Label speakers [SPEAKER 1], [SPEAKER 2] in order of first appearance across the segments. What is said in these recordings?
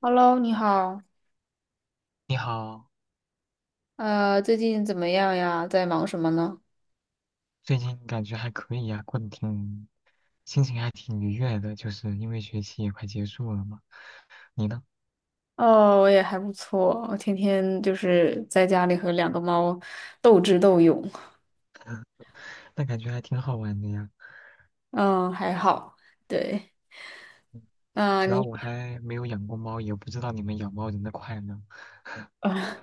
[SPEAKER 1] Hello，你好，
[SPEAKER 2] 你好，
[SPEAKER 1] 最近怎么样呀？在忙什么呢？
[SPEAKER 2] 最近感觉还可以呀、过得挺，心情还挺愉悦的，就是因为学期也快结束了嘛。你呢？
[SPEAKER 1] 哦，我也还不错，我天天就是在家里和两个猫斗智斗勇。
[SPEAKER 2] 那感觉还挺好玩的呀。
[SPEAKER 1] 嗯，还好，对。
[SPEAKER 2] 主
[SPEAKER 1] 嗯，
[SPEAKER 2] 要
[SPEAKER 1] 你，
[SPEAKER 2] 我还没有养过猫，也不知道你们养猫人的快乐。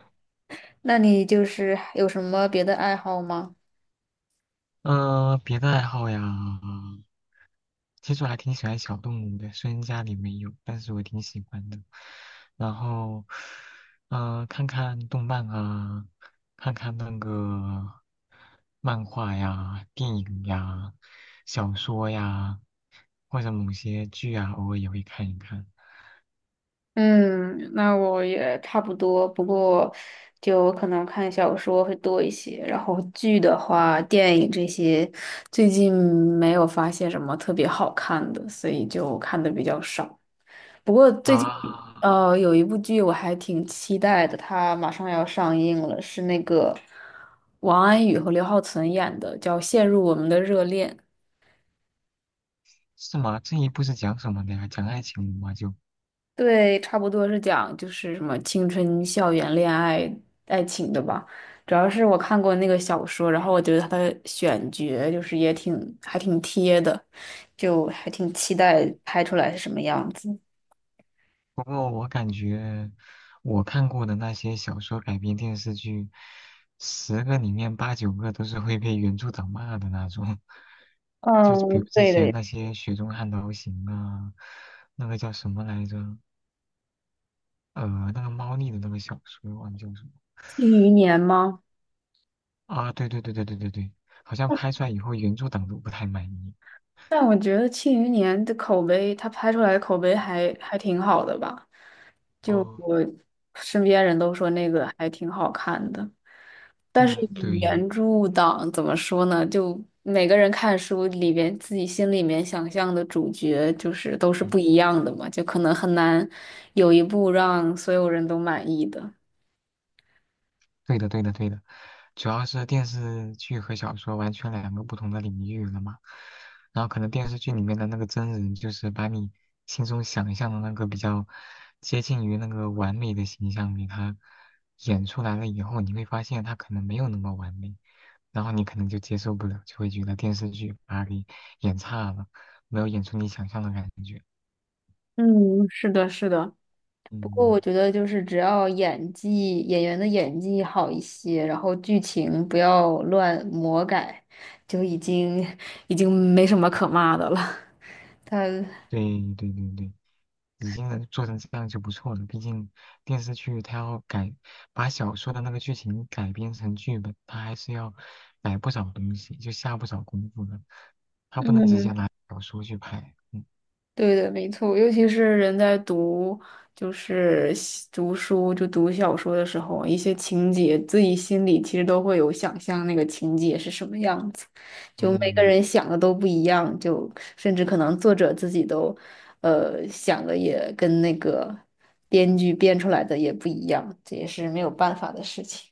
[SPEAKER 1] 那你就是有什么别的爱好吗？
[SPEAKER 2] 嗯、别的爱好呀，其实我还挺喜欢小动物的，虽然家里没有，但是我挺喜欢的。然后，看看动漫啊，看看那个漫画呀、电影呀、小说呀，或者某些剧啊，偶尔也会看一看。
[SPEAKER 1] 嗯，那我也差不多，不过就可能看小说会多一些，然后剧的话，电影这些最近没有发现什么特别好看的，所以就看的比较少。不过最近
[SPEAKER 2] 啊，
[SPEAKER 1] 有一部剧我还挺期待的，它马上要上映了，是那个王安宇和刘浩存演的，叫《陷入我们的热恋》。
[SPEAKER 2] 是吗？这一部是讲什么的呀？讲爱情的吗？就。
[SPEAKER 1] 对，差不多是讲就是什么青春校园恋爱爱情的吧。主要是我看过那个小说，然后我觉得它的选角就是也挺还挺贴的，就还挺期待拍出来是什么样子。
[SPEAKER 2] 不过我感觉我看过的那些小说改编电视剧，十个里面八九个都是会被原著党骂的那种。就比
[SPEAKER 1] 嗯，
[SPEAKER 2] 如之
[SPEAKER 1] 对
[SPEAKER 2] 前
[SPEAKER 1] 的，
[SPEAKER 2] 那些《雪中悍刀行》啊，那个叫什么来着？呃，那个猫腻的那个小说，忘记叫什么
[SPEAKER 1] 庆余年吗？
[SPEAKER 2] 啊？对对对对对对对，好像拍出来以后原著党都不太满意。
[SPEAKER 1] 但我觉得《庆余年》的口碑，它拍出来的口碑还挺好的吧？就
[SPEAKER 2] 哦，
[SPEAKER 1] 我身边人都说那个还挺好看的，但是
[SPEAKER 2] 嗯，对，
[SPEAKER 1] 原著党怎么说呢？就每个人看书里边自己心里面想象的主角，就是都是
[SPEAKER 2] 嗯
[SPEAKER 1] 不一样的嘛，就可能很难有一部让所有人都满意的。
[SPEAKER 2] 对的，对的，对的。主要是电视剧和小说完全两个不同的领域了嘛。然后可能电视剧里面的那个真人，就是把你心中想象的那个比较接近于那个完美的形象给他演出来了以后，你会发现他可能没有那么完美，然后你可能就接受不了，就会觉得电视剧把他给演差了，没有演出你想象的感觉。
[SPEAKER 1] 嗯，是的，是的。不过我
[SPEAKER 2] 嗯。
[SPEAKER 1] 觉得就是只要演技演员的演技好一些，然后剧情不要乱魔改，就已经没什么可骂的了。他
[SPEAKER 2] 对对对对，已经能做成这样就不错了。毕竟电视剧它要改，把小说的那个剧情改编成剧本，它还是要改不少东西，就下不少功夫的。它不能直
[SPEAKER 1] 嗯，
[SPEAKER 2] 接拿小说去拍。嗯
[SPEAKER 1] 对的，没错，尤其是人在读，就是写读书，就读小说的时候，一些情节自己心里其实都会有想象，那个情节是什么样子，就每个
[SPEAKER 2] 嗯
[SPEAKER 1] 人想的都不一样，就甚至可能作者自己都，想的也跟那个编剧编出来的也不一样，这也是没有办法的事情。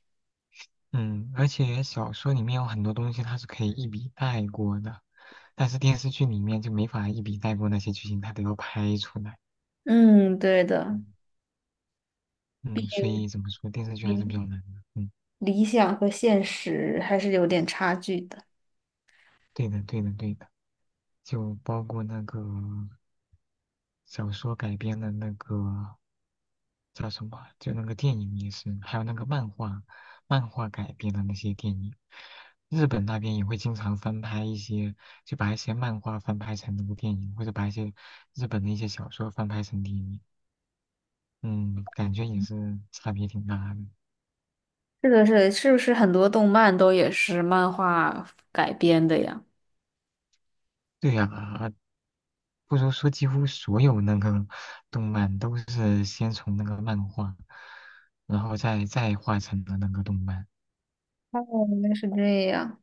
[SPEAKER 2] 嗯。而且小说里面有很多东西它是可以一笔带过的，但是电视剧里面就没法一笔带过那些剧情，它都要拍出来。
[SPEAKER 1] 嗯，对的，
[SPEAKER 2] 嗯嗯。所以怎么说，电视剧还是比较
[SPEAKER 1] 理
[SPEAKER 2] 难的。嗯，
[SPEAKER 1] 理想和现实还是有点差距的。
[SPEAKER 2] 对的对的对的。就包括那个小说改编的那个叫什么，就那个电影也是，还有那个漫画，漫画改编的那些电影，日本那边也会经常翻拍一些，就把一些漫画翻拍成那部电影，或者把一些日本的一些小说翻拍成电影，嗯，感觉也是差别挺大的。
[SPEAKER 1] 是的，是的，是不是很多动漫都也是漫画改编的呀？
[SPEAKER 2] 对呀，不如说几乎所有那个动漫都是先从那个漫画，然后再画成了那个动漫。
[SPEAKER 1] 哦，原来是这样。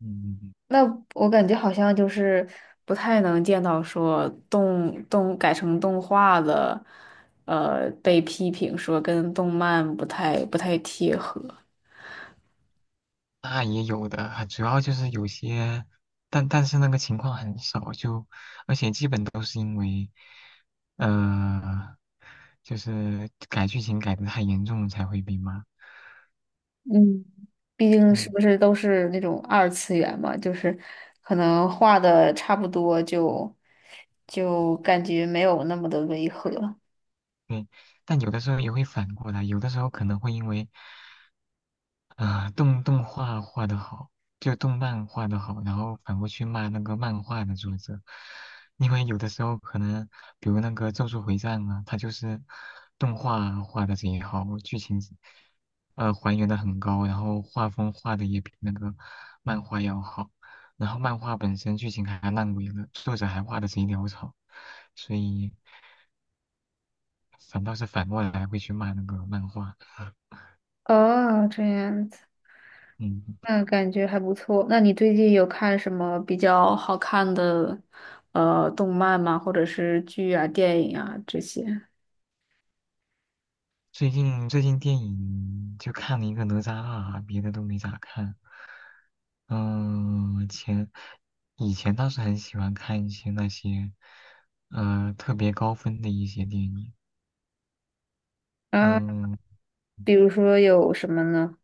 [SPEAKER 2] 嗯，
[SPEAKER 1] 那我感觉好像就是不太能见到说动动改成动画的，被批评说跟动漫不太贴合。
[SPEAKER 2] 那也有的，主要就是有些，但是那个情况很少，就而且基本都是因为，呃，就是改剧情改的太严重才会被骂。
[SPEAKER 1] 嗯，毕竟是
[SPEAKER 2] 嗯，
[SPEAKER 1] 不是都是那种二次元嘛，就是可能画的差不多就就感觉没有那么的违和。
[SPEAKER 2] 对，但有的时候也会反过来，有的时候可能会因为。啊、动动画画的好，就动漫画的好，然后反过去骂那个漫画的作者，因为有的时候可能，比如那个《咒术回战》啊，它就是动画画的贼好，剧情还原的很高，然后画风画的也比那个漫画要好，然后漫画本身剧情还烂尾了，作者还画的贼潦草，所以反倒是反过来会去骂那个漫画，
[SPEAKER 1] 哦，这样子。
[SPEAKER 2] 嗯。
[SPEAKER 1] 嗯，感觉还不错。那你最近有看什么比较好看的动漫吗？或者是剧啊、电影啊这些？
[SPEAKER 2] 最近电影就看了一个《哪吒二》，别的都没咋看。嗯，以前倒是很喜欢看一些那些，特别高分的一些电影。
[SPEAKER 1] 啊，
[SPEAKER 2] 嗯，
[SPEAKER 1] 比如说有什么呢？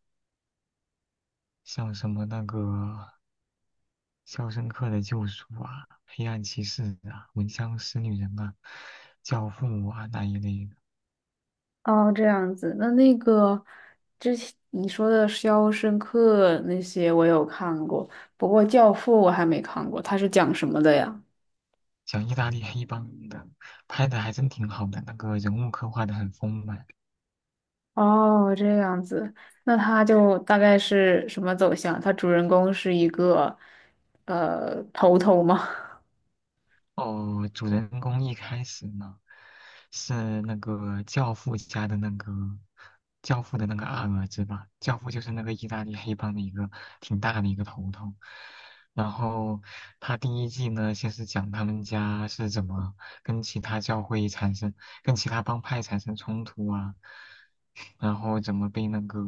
[SPEAKER 2] 像什么那个《肖申克的救赎》啊，《黑暗骑士》啊，《闻香识女人》啊，《教父》啊那一类的，
[SPEAKER 1] 哦，这样子。那那个之前你说的《肖申克》那些我有看过，不过《教父》我还没看过，它是讲什么的呀？
[SPEAKER 2] 讲意大利黑帮的，拍的还真挺好的，那个人物刻画的很丰满。
[SPEAKER 1] 哦，这样子。那它就大概是什么走向？它主人公是一个头头吗？
[SPEAKER 2] 哦，主人公一开始呢，是那个教父家的那个教父的那个二儿子吧？教父就是那个意大利黑帮的一个挺大的一个头头。然后他第一季呢，先是讲他们家是怎么跟其他教会产生、跟其他帮派产生冲突啊，然后怎么被那个，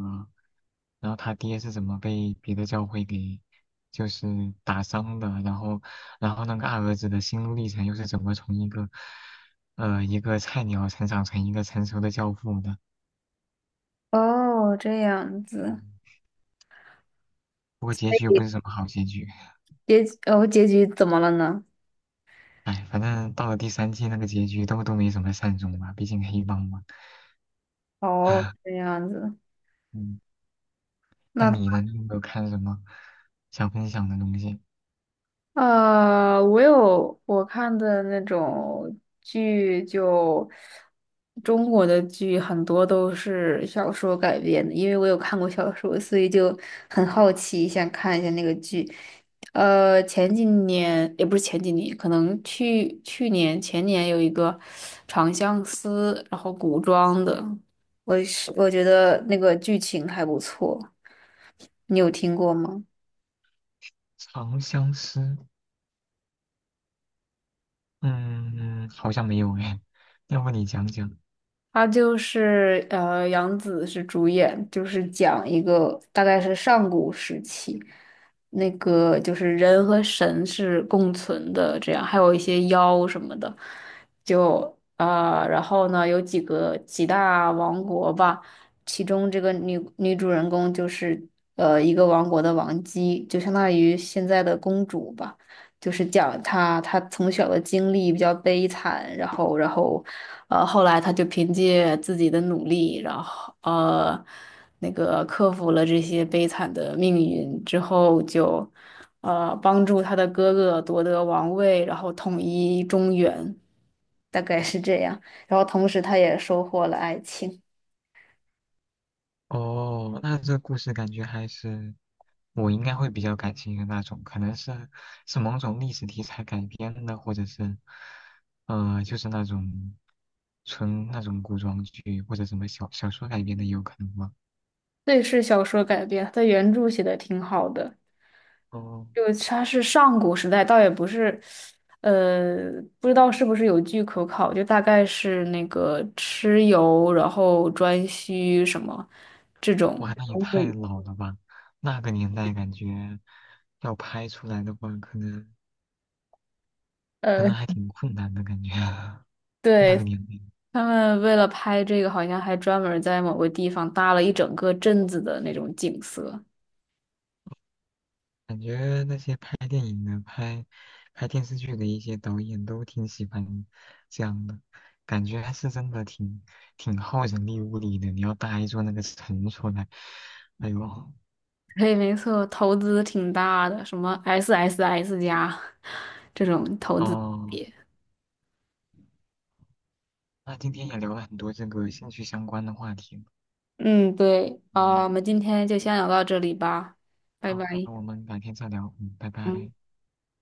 [SPEAKER 2] 然后他爹是怎么被别的教会给就是打伤的，然后，然后那个二儿子的心路历程又是怎么从一个，一个菜鸟成长成一个成熟的教父的？
[SPEAKER 1] 哦，这样子，
[SPEAKER 2] 不过结局又不是什么好结局，
[SPEAKER 1] 哦，结局怎么了呢？
[SPEAKER 2] 哎，反正到了第三季那个结局都没什么善终吧，毕竟黑帮嘛。
[SPEAKER 1] 哦，这 样子。
[SPEAKER 2] 嗯，那
[SPEAKER 1] 那
[SPEAKER 2] 你呢？你有没有看什么想分享的东西？
[SPEAKER 1] 我有我看的那种剧就，中国的剧很多都是小说改编的，因为我有看过小说，所以就很好奇，想看一下那个剧。前几年也不是前几年，可能去年前年有一个《长相思》，然后古装的，我是我觉得那个剧情还不错，你有听过吗？
[SPEAKER 2] 《长相思》嗯，好像没有哎，要不你讲讲？
[SPEAKER 1] 他就是杨紫是主演，就是讲一个大概是上古时期，那个就是人和神是共存的，这样还有一些妖什么的，就啊、然后呢有几个几大王国吧，其中这个女主人公就是一个王国的王姬，就相当于现在的公主吧。就是讲他从小的经历比较悲惨，然后然后后来他就凭借自己的努力，然后那个克服了这些悲惨的命运之后就，帮助他的哥哥夺得王位，然后统一中原，大概是这样。然后同时他也收获了爱情。
[SPEAKER 2] 哦，那这故事感觉还是我应该会比较感兴趣的那种，可能是某种历史题材改编的，或者是，就是那种纯那种古装剧或者什么小说改编的也有可能吧。
[SPEAKER 1] 对，是小说改编，他原著写的挺好的。
[SPEAKER 2] 哦，
[SPEAKER 1] 就个它是上古时代，倒也不是，呃，不知道是不是有据可考，就大概是那个蚩尤，然后颛顼什么这种
[SPEAKER 2] 哇，那也太
[SPEAKER 1] 人
[SPEAKER 2] 老了吧！那个年代感觉要拍出来的话，可能 可
[SPEAKER 1] 呃，
[SPEAKER 2] 能还挺困难的感觉。那个
[SPEAKER 1] 对，
[SPEAKER 2] 年代，
[SPEAKER 1] 他们为了拍这个，好像还专门在某个地方搭了一整个镇子的那种景色。
[SPEAKER 2] 感觉那些拍电影的、拍电视剧的一些导演都挺喜欢这样的，感觉还是真的挺耗人力物力的。你要搭一座那个城出来，哎呦，
[SPEAKER 1] 对，没错，投资挺大的，什么 SSS 家 这种投资级
[SPEAKER 2] 哦，
[SPEAKER 1] 别。
[SPEAKER 2] 那今天也聊了很多这个兴趣相关的话题了。
[SPEAKER 1] 嗯，对，啊，
[SPEAKER 2] 嗯，
[SPEAKER 1] 我们今天就先聊到这里吧，拜
[SPEAKER 2] 好，
[SPEAKER 1] 拜。
[SPEAKER 2] 那我们改天再聊，嗯，拜
[SPEAKER 1] 嗯。
[SPEAKER 2] 拜。